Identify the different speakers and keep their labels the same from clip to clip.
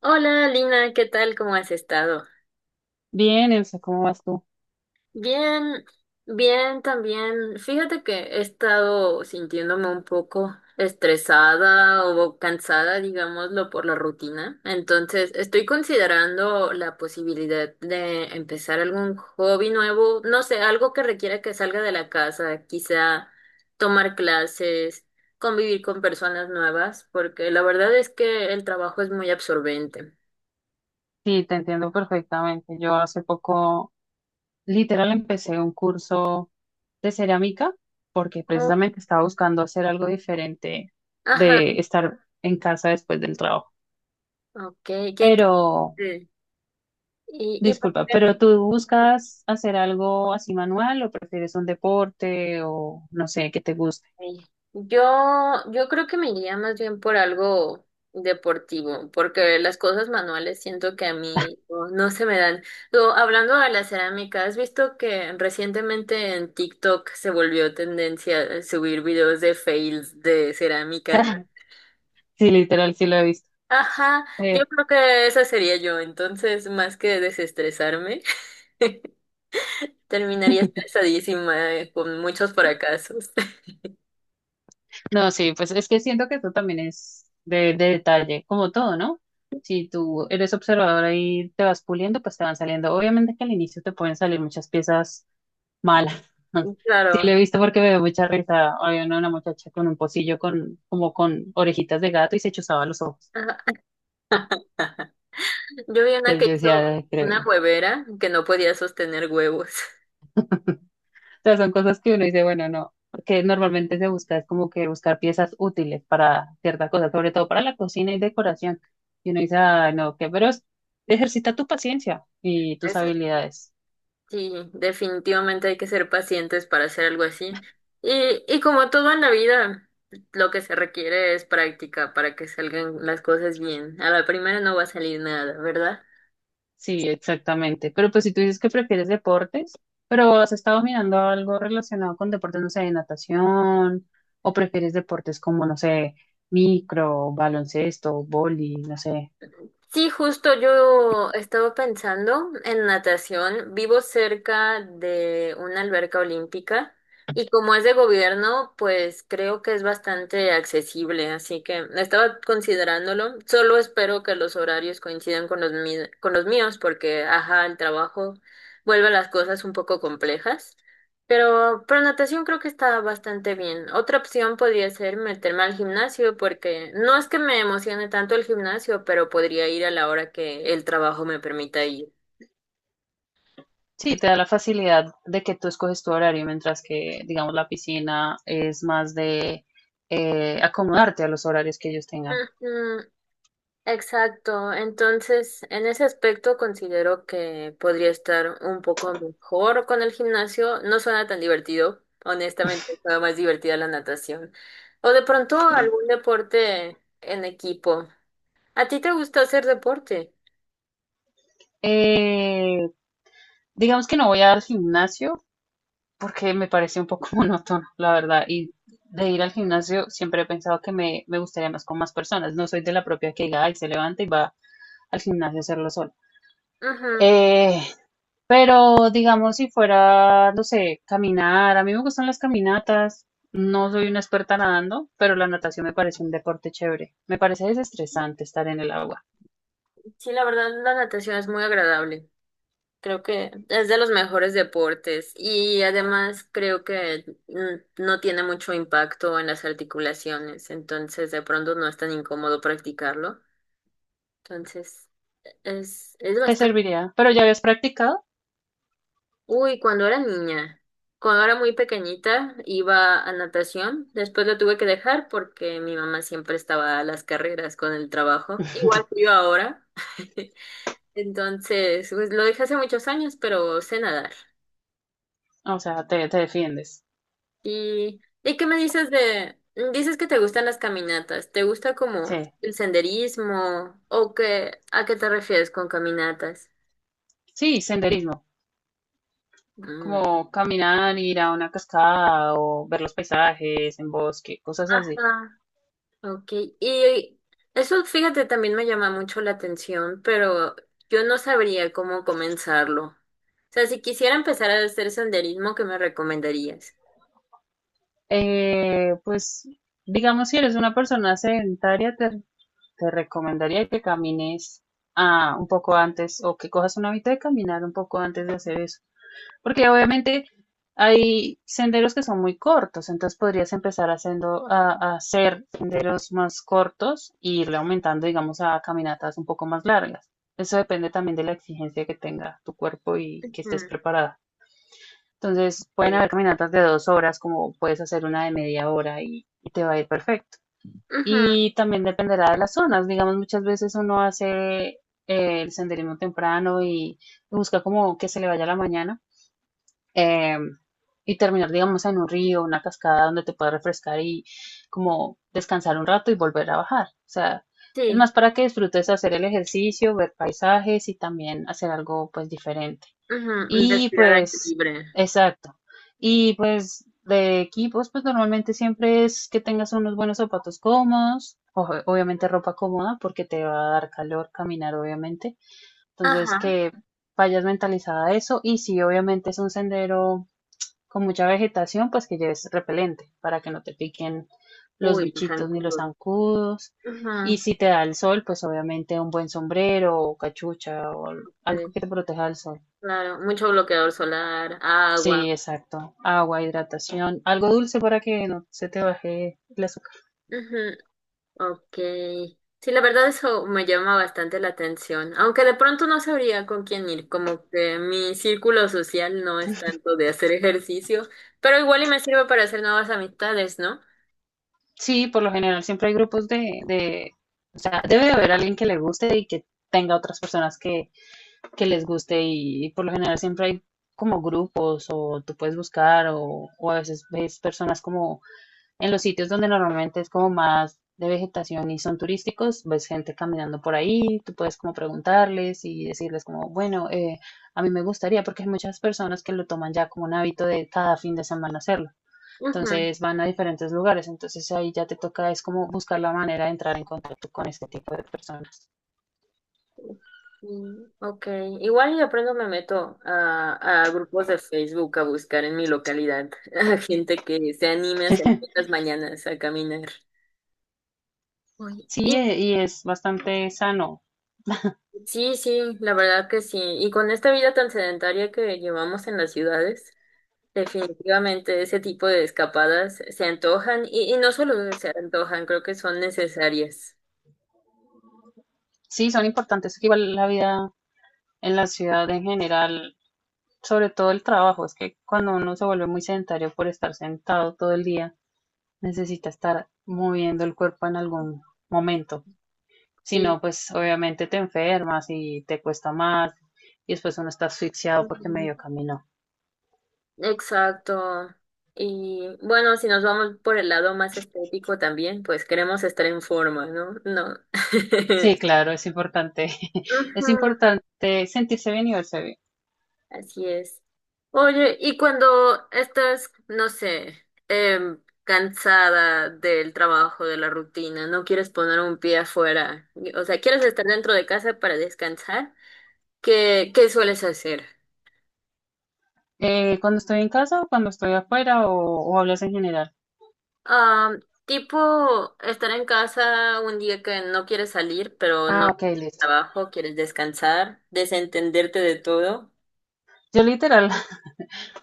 Speaker 1: Hola Lina, ¿qué tal? ¿Cómo has estado?
Speaker 2: Bien, Elsa, ¿cómo vas tú?
Speaker 1: Bien, bien también. Fíjate que he estado sintiéndome un poco estresada o cansada, digámoslo, por la rutina. Entonces, estoy considerando la posibilidad de empezar algún hobby nuevo, no sé, algo que requiera que salga de la casa, quizá tomar clases, convivir con personas nuevas, porque la verdad es que el trabajo es muy absorbente.
Speaker 2: Sí, te entiendo perfectamente. Yo hace poco, literal, empecé un curso de cerámica porque precisamente estaba buscando hacer algo diferente
Speaker 1: Ajá,
Speaker 2: de estar en casa después del trabajo.
Speaker 1: ok, qué.
Speaker 2: Pero,
Speaker 1: Mm. Y pues,
Speaker 2: disculpa, ¿pero tú buscas hacer algo así manual o prefieres un deporte o no sé, que te guste?
Speaker 1: eh, yo, yo creo que me iría más bien por algo deportivo, porque las cosas manuales siento que a mí no se me dan. Hablando de la cerámica, ¿has visto que recientemente en TikTok se volvió tendencia subir videos de fails de cerámica?
Speaker 2: Sí, literal, sí lo he visto.
Speaker 1: Ajá, yo
Speaker 2: Eh,
Speaker 1: creo que esa sería yo, entonces más que desestresarme, terminaría estresadísima con muchos fracasos.
Speaker 2: No, sí, pues es que siento que eso también es de detalle, como todo, ¿no? Si tú eres observador ahí te vas puliendo, pues te van saliendo. Obviamente que al inicio te pueden salir muchas piezas malas. Sí, lo he
Speaker 1: Claro.
Speaker 2: visto porque me dio mucha risa. Había una muchacha con un pocillo con, como con orejitas de gato y se chuzaba los ojos.
Speaker 1: Ajá. Yo vi una
Speaker 2: Entonces
Speaker 1: que
Speaker 2: yo
Speaker 1: hizo
Speaker 2: decía, "Ay,
Speaker 1: una
Speaker 2: creo,
Speaker 1: huevera que no podía sostener huevos.
Speaker 2: sea, son cosas que uno dice, bueno, no, porque normalmente se busca, es como que buscar piezas útiles para cierta cosa sobre todo para la cocina y decoración. Y uno dice, ah, no, que, pero es- ejercita tu paciencia y tus
Speaker 1: Eso
Speaker 2: habilidades.
Speaker 1: sí, definitivamente hay que ser pacientes para hacer algo así. Y como todo en la vida, lo que se requiere es práctica para que salgan las cosas bien. A la primera no va a salir nada, ¿verdad?
Speaker 2: Sí, exactamente. Pero pues si tú dices que prefieres deportes, pero has estado mirando algo relacionado con deportes, no sé, de natación, o prefieres deportes como, no sé, micro, baloncesto, boli, no sé.
Speaker 1: Sí, justo yo estaba pensando en natación. Vivo cerca de una alberca olímpica y como es de gobierno, pues creo que es bastante accesible, así que estaba considerándolo. Solo espero que los horarios coincidan con los con los míos porque, ajá, el trabajo vuelve las cosas un poco complejas. Pero natación creo que está bastante bien. Otra opción podría ser meterme al gimnasio porque no es que me emocione tanto el gimnasio, pero podría ir a la hora que el trabajo me permita ir.
Speaker 2: Sí, te da la facilidad de que tú escoges tu horario, mientras que, digamos, la piscina es más de acomodarte a los horarios que ellos tengan.
Speaker 1: Ujú, exacto. Entonces, en ese aspecto considero que podría estar un poco mejor con el gimnasio. No suena tan divertido. Honestamente, suena más divertida la natación. O de pronto algún deporte en equipo. ¿A ti te gusta hacer deporte?
Speaker 2: Eh, digamos que no voy al gimnasio porque me parece un poco monótono, la verdad. Y de ir al gimnasio siempre he pensado que me gustaría más con más personas. No soy de la propia que diga, ay, se levanta y va al gimnasio a hacerlo solo.
Speaker 1: Ujú.
Speaker 2: Eh, Pero digamos, si fuera, no sé, caminar, a mí me gustan las caminatas, no soy una experta nadando, pero la natación me parece un deporte chévere, me parece desestresante estar en el agua,
Speaker 1: Sí, la verdad, la natación es muy agradable. Creo que es de los mejores deportes y además creo que no tiene mucho impacto en las articulaciones, entonces de pronto no es tan incómodo practicarlo. Entonces, es
Speaker 2: te
Speaker 1: bastante...
Speaker 2: serviría, pero ya habías practicado,
Speaker 1: Uy, cuando era niña, cuando era muy pequeñita, iba a natación, después lo tuve que dejar porque mi mamá siempre estaba a las carreras con el trabajo, igual que yo ahora. Entonces, pues lo dejé hace muchos años, pero sé nadar.
Speaker 2: o sea, te defiendes,
Speaker 1: ¿Y qué me dices de... Dices que te gustan las caminatas. ¿Te gusta como
Speaker 2: sí,
Speaker 1: el senderismo? ¿O qué, a qué te refieres con caminatas?
Speaker 2: sí, senderismo,
Speaker 1: Mm.
Speaker 2: como caminar, ir a una cascada o ver los paisajes en bosque, cosas así.
Speaker 1: Ajá. Ok, y eso fíjate también me llama mucho la atención, pero yo no sabría cómo comenzarlo. O sea, si quisiera empezar a hacer senderismo, ¿qué me recomendarías?
Speaker 2: Pues digamos, si eres una persona sedentaria, te recomendaría que camines un poco antes o que cojas una mitad de caminar un poco antes de hacer eso. Porque obviamente hay senderos que son muy cortos, entonces podrías empezar haciendo, a hacer senderos más cortos e irle aumentando, digamos, a caminatas un poco más largas. Eso depende también de la exigencia que tenga tu cuerpo y que estés
Speaker 1: Ujú,
Speaker 2: preparada. Entonces, pueden
Speaker 1: ok.
Speaker 2: haber caminatas de dos horas, como puedes hacer una de media hora y te va a ir perfecto.
Speaker 1: Ujú,
Speaker 2: Y también dependerá de las zonas. Digamos, muchas veces uno hace eh, el senderismo temprano y busca como que se le vaya la mañana eh, y terminar, digamos, en un río, una cascada donde te puedas refrescar y como descansar un rato y volver a bajar. O sea, es
Speaker 1: sí,
Speaker 2: más para que disfrutes hacer el ejercicio, ver paisajes y también hacer algo pues diferente.
Speaker 1: ujú,
Speaker 2: Y
Speaker 1: respirar aire
Speaker 2: pues,
Speaker 1: libre.
Speaker 2: exacto. Y pues de equipos, pues normalmente siempre es que tengas unos buenos zapatos cómodos, ojo, obviamente ropa cómoda porque te va a dar calor caminar, obviamente. Entonces
Speaker 1: Ajá.
Speaker 2: que vayas mentalizada a eso y si obviamente es un sendero con mucha vegetación, pues que lleves repelente para que no te piquen los
Speaker 1: Uy, los
Speaker 2: bichitos ni los
Speaker 1: zancudos.
Speaker 2: zancudos. Y
Speaker 1: Ujú,
Speaker 2: si te da el sol, pues obviamente un buen sombrero o cachucha o
Speaker 1: ok,
Speaker 2: algo que te proteja del sol.
Speaker 1: claro, mucho bloqueador solar, agua.
Speaker 2: Sí, exacto. Agua, hidratación, algo dulce para que no se te baje el azúcar.
Speaker 1: Ok. Sí, la verdad eso me llama bastante la atención, aunque de pronto no sabría con quién ir, como que mi círculo social no es tanto de hacer ejercicio, pero igual y me sirve para hacer nuevas amistades, ¿no?
Speaker 2: Sí, por lo general siempre hay grupos de, o sea, debe de haber alguien que le guste y que tenga otras personas que les guste y por lo general siempre hay como grupos o tú puedes buscar o a veces ves personas como en los sitios donde normalmente es como más de vegetación y son turísticos, ves gente caminando por ahí, tú puedes como preguntarles y decirles como, bueno, a mí me gustaría, porque hay muchas personas que lo toman ya como un hábito de cada fin de semana hacerlo.
Speaker 1: Ujú.
Speaker 2: Entonces van a diferentes lugares, entonces ahí ya te toca, es como buscar la manera de entrar en contacto con este tipo de personas.
Speaker 1: Mm, ok, igual y de pronto me meto a grupos de Facebook a buscar en mi localidad a gente que se anime a salir en las mañanas a caminar. Uy. Y
Speaker 2: Sí, y es bastante sano.
Speaker 1: sí, sí, la verdad que sí. Y con esta vida tan sedentaria que llevamos en las ciudades. Definitivamente ese tipo de escapadas se antojan y no solo se antojan, creo que son necesarias.
Speaker 2: Sí, son importantes, que igual la vida en la ciudad en general sobre todo el trabajo, es que cuando uno se vuelve muy sedentario por estar sentado todo el día, necesita estar moviendo el cuerpo en algún momento. Si
Speaker 1: Sí,
Speaker 2: no, pues obviamente te enfermas y te cuesta más y después uno está asfixiado porque
Speaker 1: ujú,
Speaker 2: medio caminó.
Speaker 1: exacto. Y bueno, si nos vamos por el lado más estético también, pues queremos estar en forma, ¿no? No.
Speaker 2: Sí, claro, es importante.
Speaker 1: Ujú,
Speaker 2: Es importante sentirse bien y verse bien.
Speaker 1: así es. Oye, y cuando estás, no sé, cansada del trabajo, de la rutina, no quieres poner un pie afuera, o sea, quieres estar dentro de casa para descansar, qué sueles hacer?
Speaker 2: Cuando estoy en casa o cuando estoy afuera o hablas en general.
Speaker 1: Ah, tipo estar en casa un día que no quieres salir, pero
Speaker 2: Ah,
Speaker 1: no
Speaker 2: ok,
Speaker 1: tienes
Speaker 2: listo.
Speaker 1: trabajo, quieres descansar, desentenderte de todo.
Speaker 2: Yo literal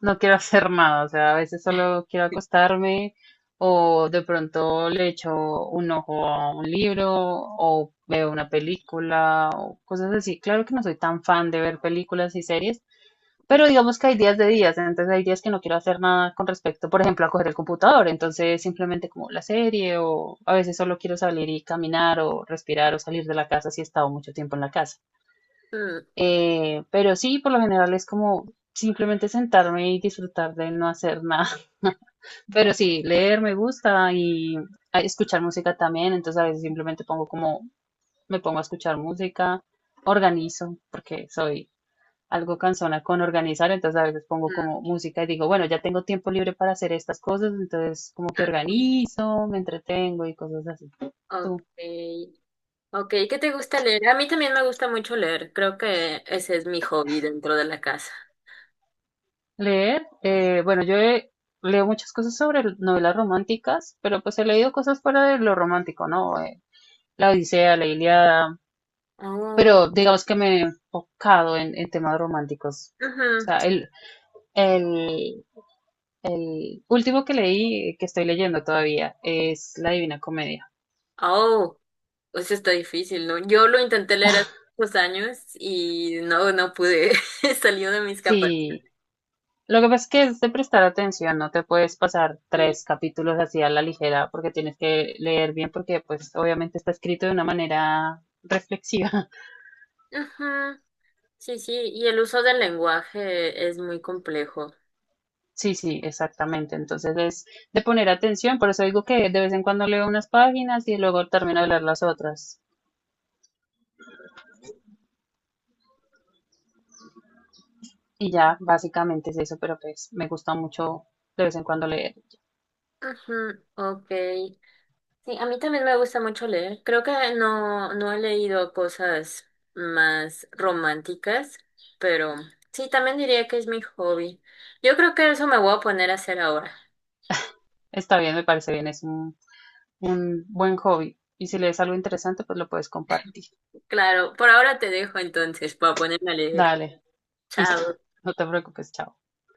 Speaker 2: no quiero hacer nada, o sea, a veces solo quiero acostarme o de pronto le echo un ojo a un libro o veo una película o cosas así. Claro que no soy tan fan de ver películas y series, pero digamos que hay días de días, entonces hay días que no quiero hacer nada con respecto, por ejemplo, a coger el computador, entonces simplemente como la serie o a veces solo quiero salir y caminar o respirar o salir de la casa si he estado mucho tiempo en la casa.
Speaker 1: Mm,
Speaker 2: Pero sí, por lo general es como simplemente sentarme y disfrutar de no hacer nada. Pero sí, leer me gusta y escuchar música también, entonces a veces simplemente pongo como, me pongo a escuchar música, organizo, porque soy algo cansona con organizar, entonces a veces pongo como música y digo, bueno, ya tengo tiempo libre para hacer estas cosas, entonces como que
Speaker 1: mm,
Speaker 2: organizo, me entretengo y cosas así. ¿Tú?
Speaker 1: Okay. Okay, ¿qué te gusta leer? A mí también me gusta mucho leer. Creo que ese es mi hobby dentro de la casa.
Speaker 2: Leer, bueno, yo he- leo muchas cosas sobre l- novelas románticas, pero pues he leído cosas fuera de lo romántico, ¿no? La Odisea, la Ilíada,
Speaker 1: Oh,
Speaker 2: pero digamos que me he enfocado en temas románticos. O
Speaker 1: ujú.
Speaker 2: sea, el, el último que leí, que estoy leyendo todavía, es La Divina Comedia.
Speaker 1: Oh, pues eso está difícil, ¿no? Yo lo intenté leer hace muchos años y no pude. Salió de mis capacidades.
Speaker 2: Sí, lo que pasa es que es de prestar atención, no te puedes pasar tres capítulos así a la ligera porque tienes que leer bien porque pues obviamente está escrito de una manera reflexiva.
Speaker 1: Ujú. Sí, sí, y el uso del lenguaje es muy complejo.
Speaker 2: Sí, exactamente. Entonces es de poner atención, por eso digo que de vez en cuando leo unas páginas y luego termino de leer las otras. Y ya, básicamente es eso, pero pues me gusta mucho de vez en cuando leer.
Speaker 1: Ujú, ok. Sí, a mí también me gusta mucho leer. Creo que no he leído cosas más románticas, pero sí, también diría que es mi hobby. Yo creo que eso me voy a poner a hacer ahora.
Speaker 2: Está bien, me parece bien, es un buen hobby. Y si lees algo interesante, pues lo puedes compartir.
Speaker 1: Claro, por ahora te dejo entonces, para ponerme a leer.
Speaker 2: Dale, listo,
Speaker 1: Chao.
Speaker 2: no te preocupes, chao.